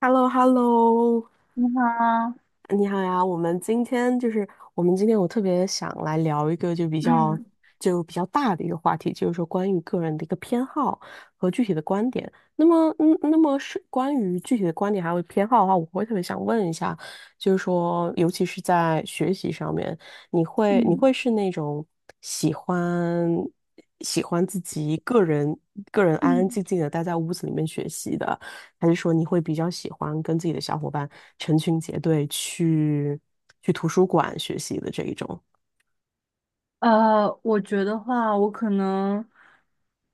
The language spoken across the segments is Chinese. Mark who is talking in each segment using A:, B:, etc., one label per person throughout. A: h e l l o h e l l o。
B: 你好啊，
A: 你好呀。我们今天我特别想来聊一个就比较
B: 嗯
A: 就比较大的一个话题，就是说关于个人的一个偏好和具体的观点。那么是关于具体的观点还有偏好的话，我会特别想问一下，就是说，尤其是在学习上面，你会你
B: 嗯
A: 会是那种喜欢喜欢自己个人安安
B: 嗯。
A: 静静的待在屋子里面学习的？还是说你会比较喜欢跟自己的小伙伴成群结队去图书馆学习的这一种？
B: 呃，我觉得话，我可能，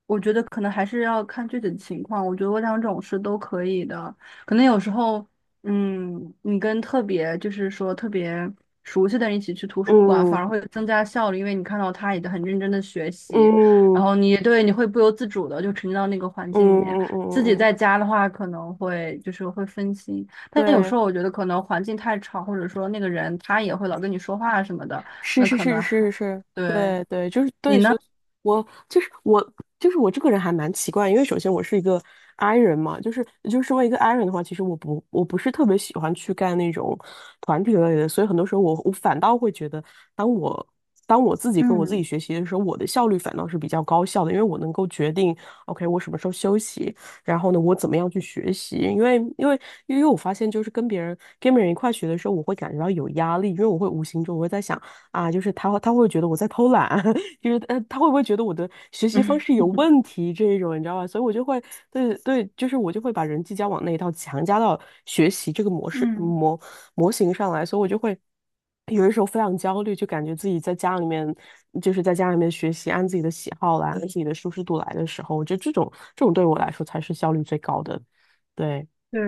B: 我觉得可能还是要看具体的情况。我觉得我两种是都可以的。可能有时候，你跟特别就是说特别熟悉的人一起去图书馆，反
A: 嗯
B: 而会增加效率，因为你看到他也很认真的学习，然
A: 嗯
B: 后你会不由自主的就沉浸到那个环
A: 嗯
B: 境里面。
A: 嗯嗯
B: 自己
A: 嗯，嗯，
B: 在家的话，可能会就是会分心，但有时
A: 对，
B: 候我觉得可能环境太吵，或者说那个人他也会老跟你说话什么的。
A: 是
B: 那
A: 是
B: 可
A: 是
B: 能还
A: 是是，
B: 对，
A: 对对，就是对，
B: 你呢？
A: 所以我就是我就是我这个人还蛮奇怪。因为首先我是一个 I 人嘛，就是身为一个 I 人的话，其实我不是特别喜欢去干那种团体类的，所以很多时候我反倒会觉得，当我当我自己跟我自己
B: 嗯
A: 学习的时候，我的效率反倒是比较高效的，因为我能够决定，OK，我什么时候休息，然后呢，我怎么样去学习？因为我发现，就是跟别人一块学的时候，我会感觉到有压力，因为我会无形中我会在想，啊，就是他会觉得我在偷懒。就是他会不会觉得我的学习方
B: 嗯
A: 式有问题这一种，你知道吧？所以我就会，对对，就是我就会把人际交往那一套强加到学习这个模式
B: 嗯，
A: 模模型上来，所以我就会有的时候非常焦虑，就感觉自己在家里面学习，按自己的喜好来，按自己的舒适度来的时候，我觉得这种对我来说才是效率最高的。对。
B: 对，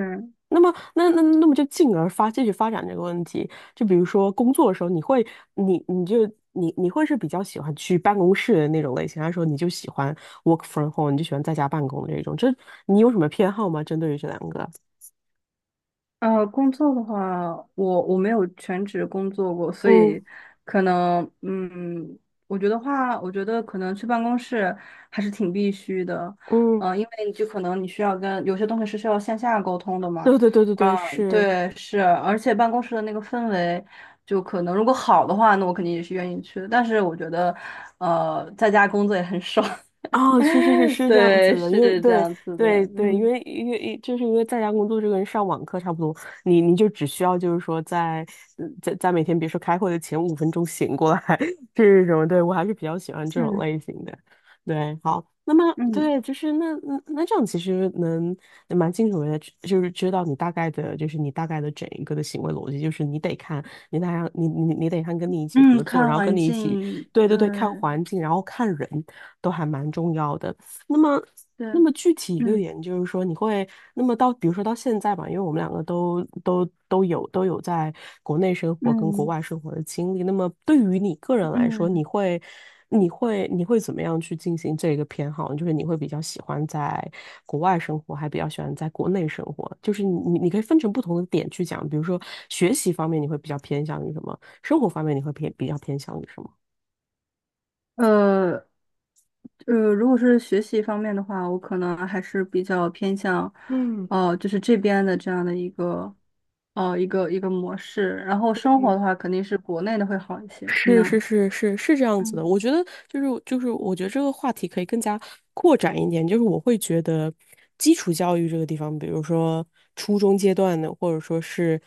A: 那么，那么就进而继续发展这个问题，就比如说工作的时候，你会，你你就你你会是比较喜欢去办公室的那种类型，还是说你就喜欢 work from home，你就喜欢在家办公的这种？你有什么偏好吗？针对于这两个？
B: 工作的话，我没有全职工作过，所
A: 嗯
B: 以可能，我觉得可能去办公室还是挺必须的。
A: 嗯，
B: 因为你就可能你需要跟有些东西是需要线下沟通的嘛。
A: 对对对对对，
B: 啊，
A: 是。
B: 对，是，而且办公室的那个氛围，就可能如果好的话，那我肯定也是愿意去的，但是我觉得，在家工作也很爽。
A: 哦，是是是 是这样
B: 对，
A: 子的，因为
B: 是这
A: 对
B: 样子
A: 对
B: 的。
A: 对，因
B: 嗯
A: 为因为就是因为在家工作就跟上网课差不多，你就只需要就是说在嗯在在每天比如说开会的前5分钟醒过来， 这种，对我还是比较喜欢这种
B: 嗯
A: 类型的。对，好，那么
B: 嗯
A: 对，就是那这样其实能蛮清楚的，就是知道你大概的，就是你大概的整一个的行为逻辑，就是你得看跟你一起
B: 嗯，
A: 合作，
B: 看
A: 然后跟
B: 环
A: 你一起。
B: 境，
A: 对对
B: 对
A: 对，看环境，然后看人都还蛮重要的。那么，那
B: 对。
A: 么具体一个
B: 嗯
A: 点就是说，那么到，比如说到现在吧，因为我们两个都有在国内生活跟国
B: 嗯
A: 外生活的经历。那么对于你个人来说，
B: 嗯，
A: 你会怎么样去进行这个偏好呢？就是你会比较喜欢在国外生活，还比较喜欢在国内生活？就是你可以分成不同的点去讲，比如说学习方面你会比较偏向于什么，生活方面你会比较偏向于什么？
B: 呃如果是学习方面的话，我可能还是比较偏向，
A: 嗯，
B: 哦，就是这边的这样的一个，一个模式。然后生活的话，肯定是国内的会好一些。你
A: 是是
B: 呢？
A: 是是是这样子的，
B: 嗯
A: 我觉得就是，我觉得这个话题可以更加扩展一点。就是我会觉得基础教育这个地方，比如说初中阶段的，或者说是，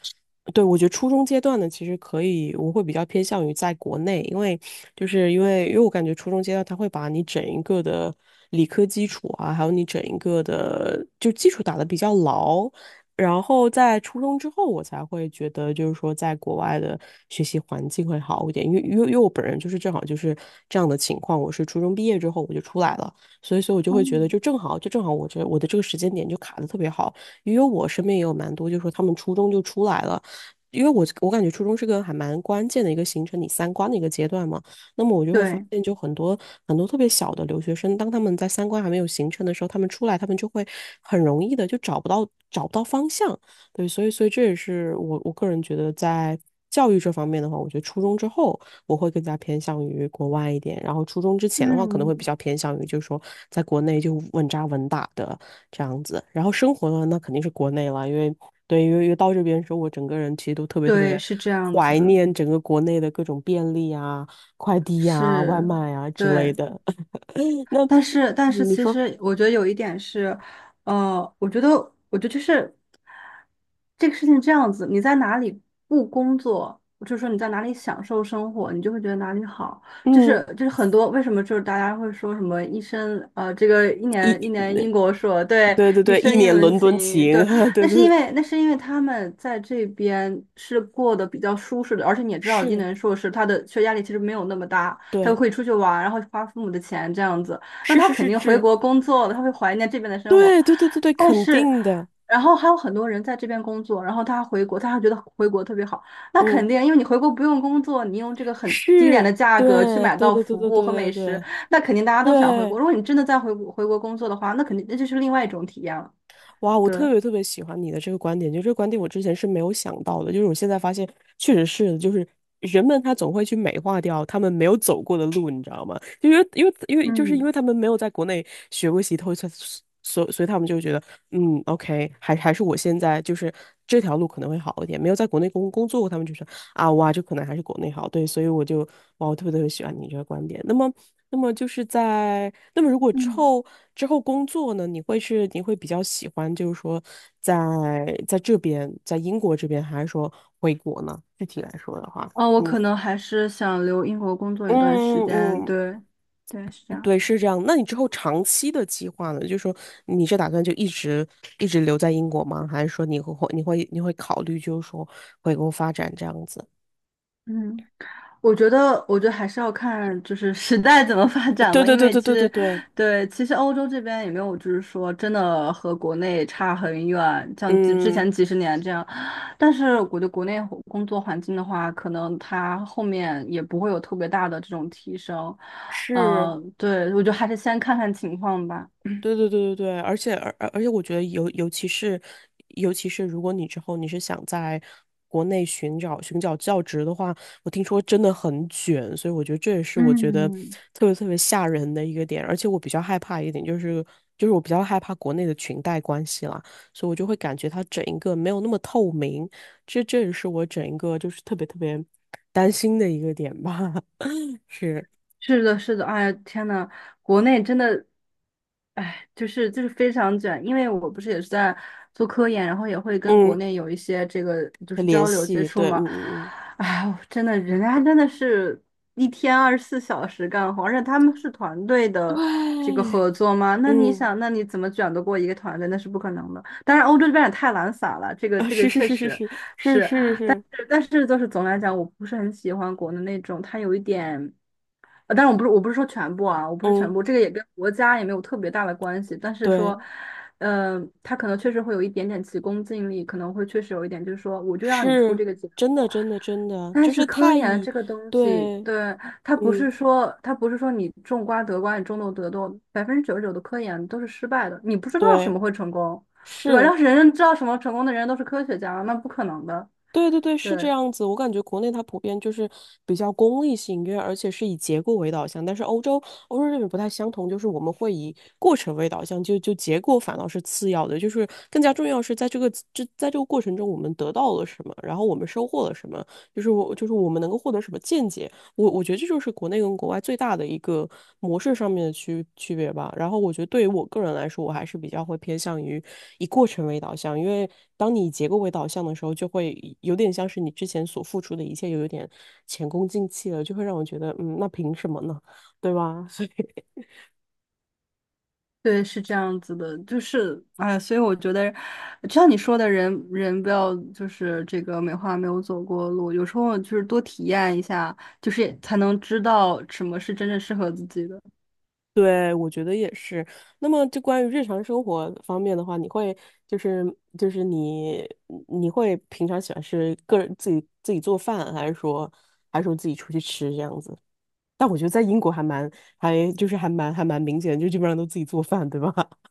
A: 对，我觉得初中阶段的其实可以，我会比较偏向于在国内。因为就是因为我感觉初中阶段它会把你整一个的理科基础啊，还有你整一个的就基础打得比较牢，然后在初中之后，我才会觉得，就是说，在国外的学习环境会好一点。因为我本人就是正好就是这样的情况，我是初中毕业之后我就出来了，所以我就会觉得，
B: 嗯，
A: 就正好我的这个时间点就卡的特别好，因为我身边也有蛮多，就是说他们初中就出来了，因为我感觉初中是个还蛮关键的一个形成你三观的一个阶段嘛。那么我就会发
B: 对，
A: 现，就很多很多特别小的留学生，当他们在三观还没有形成的时候，他们出来，他们就会很容易的就找不到方向。对，所以这也是我个人觉得在，教育这方面的话，我觉得初中之后我会更加偏向于国外一点，然后初中之前的话，可能会比
B: 嗯，
A: 较偏向于就是说在国内就稳扎稳打的这样子。然后生活呢，那肯定是国内了，因为对，因为到这边的时候，我整个人其实都特别特
B: 对，
A: 别
B: 是这样子
A: 怀
B: 的，
A: 念整个国内的各种便利啊，快递呀、外
B: 是，
A: 卖呀、之类
B: 对。
A: 的。那
B: 但是，
A: 嗯你
B: 其
A: 说，
B: 实我觉得有一点是，呃，我觉得，我觉得就是这个事情这样子，你在哪里不工作，就是说你在哪里享受生活，你就会觉得哪里好。就
A: 嗯，
B: 是就是很多为什么就是大家会说什么一生这个一
A: 一，
B: 年一年英国硕，对，
A: 对对
B: 一
A: 对，
B: 生
A: 一
B: 英
A: 年
B: 伦
A: 伦敦
B: 情，
A: 情，
B: 对，
A: 对
B: 那是
A: 对
B: 因
A: 对，
B: 为那是因为他们在这边是过得比较舒适的，而且你也知道，一
A: 是，
B: 伦硕士他的学业压力其实没有那么大。他
A: 对，
B: 会出去玩，然后花父母的钱这样子。那
A: 是
B: 他
A: 是
B: 肯
A: 是
B: 定回
A: 是，
B: 国工作了，他会怀念这边的生活。
A: 对对对对对，
B: 但
A: 肯
B: 是，
A: 定的，
B: 然后还有很多人在这边工作，然后他回国，他还觉得回国特别好。那肯
A: 嗯，
B: 定，因为你回国不用工作，你用这个很低廉的
A: 是，
B: 价格去
A: 对
B: 买
A: 对
B: 到
A: 对对
B: 服
A: 对
B: 务和美
A: 对对对
B: 食，那肯定大家都想回国。
A: 对，
B: 如果你真的在回国工作的话，那肯定那就是另外一种体验了。
A: 哇，我
B: 对。
A: 特别特别喜欢你的这个观点，就这个观点我之前是没有想到的，就是我现在发现确实是的，就是人们他总会去美化掉他们没有走过的路，你知道吗？因为就是因
B: 嗯
A: 为他们没有在国内学过习透，所以他们就觉得，嗯，OK，还是我现在就是这条路可能会好一点。没有在国内工作过，他们就说啊，哇，就可能还是国内好。对，所以我就哇，我特别特别喜欢你这个观点。那么，那么就是那么如果之
B: 嗯，
A: 后之后工作呢，你会比较喜欢，就是说在在英国这边，还是说回国呢？具体来说的话，
B: 哦，我
A: 嗯
B: 可能还是想留英国工作一段时
A: 嗯
B: 间。
A: 嗯，
B: 对，对，是这样。
A: 对，是这样。那你之后长期的计划呢？就是说，你是打算就一直一直留在英国吗？还是说你会考虑就是说回国发展这样子？
B: 嗯。我觉得还是要看就是时代怎么发展
A: 对
B: 吧，
A: 对
B: 因
A: 对
B: 为
A: 对
B: 其
A: 对对
B: 实，
A: 对，
B: 对，其实欧洲这边也没有，就是说真的和国内差很远，像之之
A: 嗯，
B: 前几十年这样。但是我觉得国内工作环境的话，可能它后面也不会有特别大的这种提升。
A: 是，
B: 嗯，对，我觉得还是先看看情况吧。
A: 对对对对对，而且，我觉得尤其是如果你之后你是想在国内寻找教职的话，我听说真的很卷，所以我觉得这也是我觉得
B: 嗯。
A: 特别特别吓人的一个点。而且我比较害怕一点就是我比较害怕国内的裙带关系啦，所以我就会感觉它整一个没有那么透明，这也是我整一个就是特别特别担心的一个点吧。是，
B: 是的，是的，哎呀，天呐，国内真的，哎，就是非常卷，因为我不是也是在做科研，然后也会跟国
A: 嗯，
B: 内有一些这个就是
A: 联
B: 交流接
A: 系，
B: 触
A: 对，
B: 嘛。
A: 嗯
B: 哎呦，真的，人家真的是一天24小时干活，而且他们是团队
A: 嗯嗯，
B: 的这个
A: 对，
B: 合作嘛，那你
A: 嗯。
B: 想，那你怎么卷得过一个团队？那是不可能的。当然，欧洲这边也太懒散了，这个
A: 啊，
B: 这个
A: 是是
B: 确
A: 是是
B: 实
A: 是是
B: 是。
A: 是是，
B: 但是就是总的来讲，我不是很喜欢国的那种，它有一点，但然我不是说全部啊，我不是全
A: 嗯，
B: 部，这个也跟国家也没有特别大的关系，但是
A: 对，
B: 说，它可能确实会有一点点急功近利，可能会确实有一点，就是说我就要你出
A: 是
B: 这个结
A: 真的
B: 果。
A: 真的真的，
B: 但
A: 就
B: 是
A: 是
B: 科
A: 太
B: 研
A: 以，
B: 这个东西，
A: 对，
B: 对，
A: 嗯，
B: 它不是说你种瓜得瓜，你种豆得豆，99%的科研都是失败的，你不知道什
A: 对，
B: 么会成功，对吧？
A: 是，
B: 要是人人知道什么成功的人都是科学家，那不可能的。
A: 对对对，是这
B: 对，
A: 样子。我感觉国内它普遍就是比较功利性，因为而且是以结果为导向。但是欧洲这边不太相同，就是我们会以过程为导向，就结果反倒是次要的，就是更加重要是在这个过程中我们得到了什么，然后我们收获了什么，就是我们能够获得什么见解。我觉得这就是国内跟国外最大的一个模式上面的区别吧。然后我觉得对于我个人来说，我还是比较会偏向于以过程为导向，因为当你以结构为导向的时候，就会有点像是你之前所付出的一切又有一点前功尽弃了，就会让我觉得，那凭什么呢？对吧？
B: 对，是这样子的，就是，哎，所以我觉得，就像你说的人，人不要就是这个美化没有走过的路，有时候就是多体验一下，就是才能知道什么是真正适合自己的。
A: 对，我觉得也是。那么，就关于日常生活方面的话，你会就是就是你会平常喜欢是个人自己做饭，还是说自己出去吃这样子？但我觉得在英国还蛮还就是还蛮还蛮明显，就基本上都自己做饭，对吧？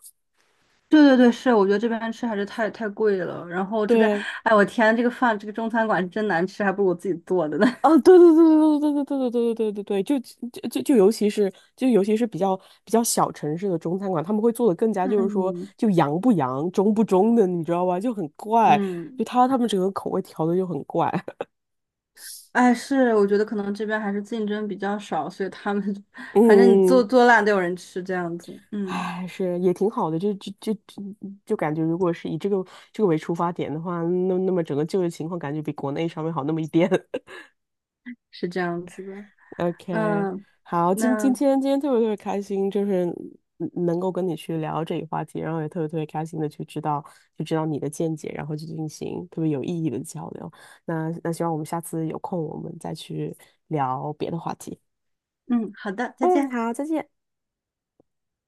B: 对对对，是，我觉得这边吃还是太贵了，然后这边，
A: 对，
B: 哎，我天，这个饭，这个中餐馆是真难吃，还不如我自己做的呢。
A: 啊，对对对对对对对对对对对对，就就就就尤其是就尤其是比较小城市的中餐馆，他们会做的更 加就是说
B: 嗯
A: 就洋不洋、中不中的，你知道吧？就很怪，就
B: 嗯，
A: 他们整个口味调的就很怪。
B: 哎，是，我觉得可能这边还是竞争比较少，所以他们 反正你做
A: 嗯，
B: 做烂都有人吃，这样子。嗯，
A: 唉，是也挺好的，就就就就就感觉如果是以这个为出发点的话，那么整个就业情况感觉比国内稍微好那么一点。
B: 是这样子的。
A: OK，
B: 嗯，
A: 好，今今
B: 那
A: 天今天特别特别开心，就是能够跟你去聊这个话题，然后也特别特别开心的去知道你的见解，然后去进行特别有意义的交流。那希望我们下次有空，我们再去聊别的话题。
B: 嗯，好的，再
A: 嗯，
B: 见。
A: 好，再见。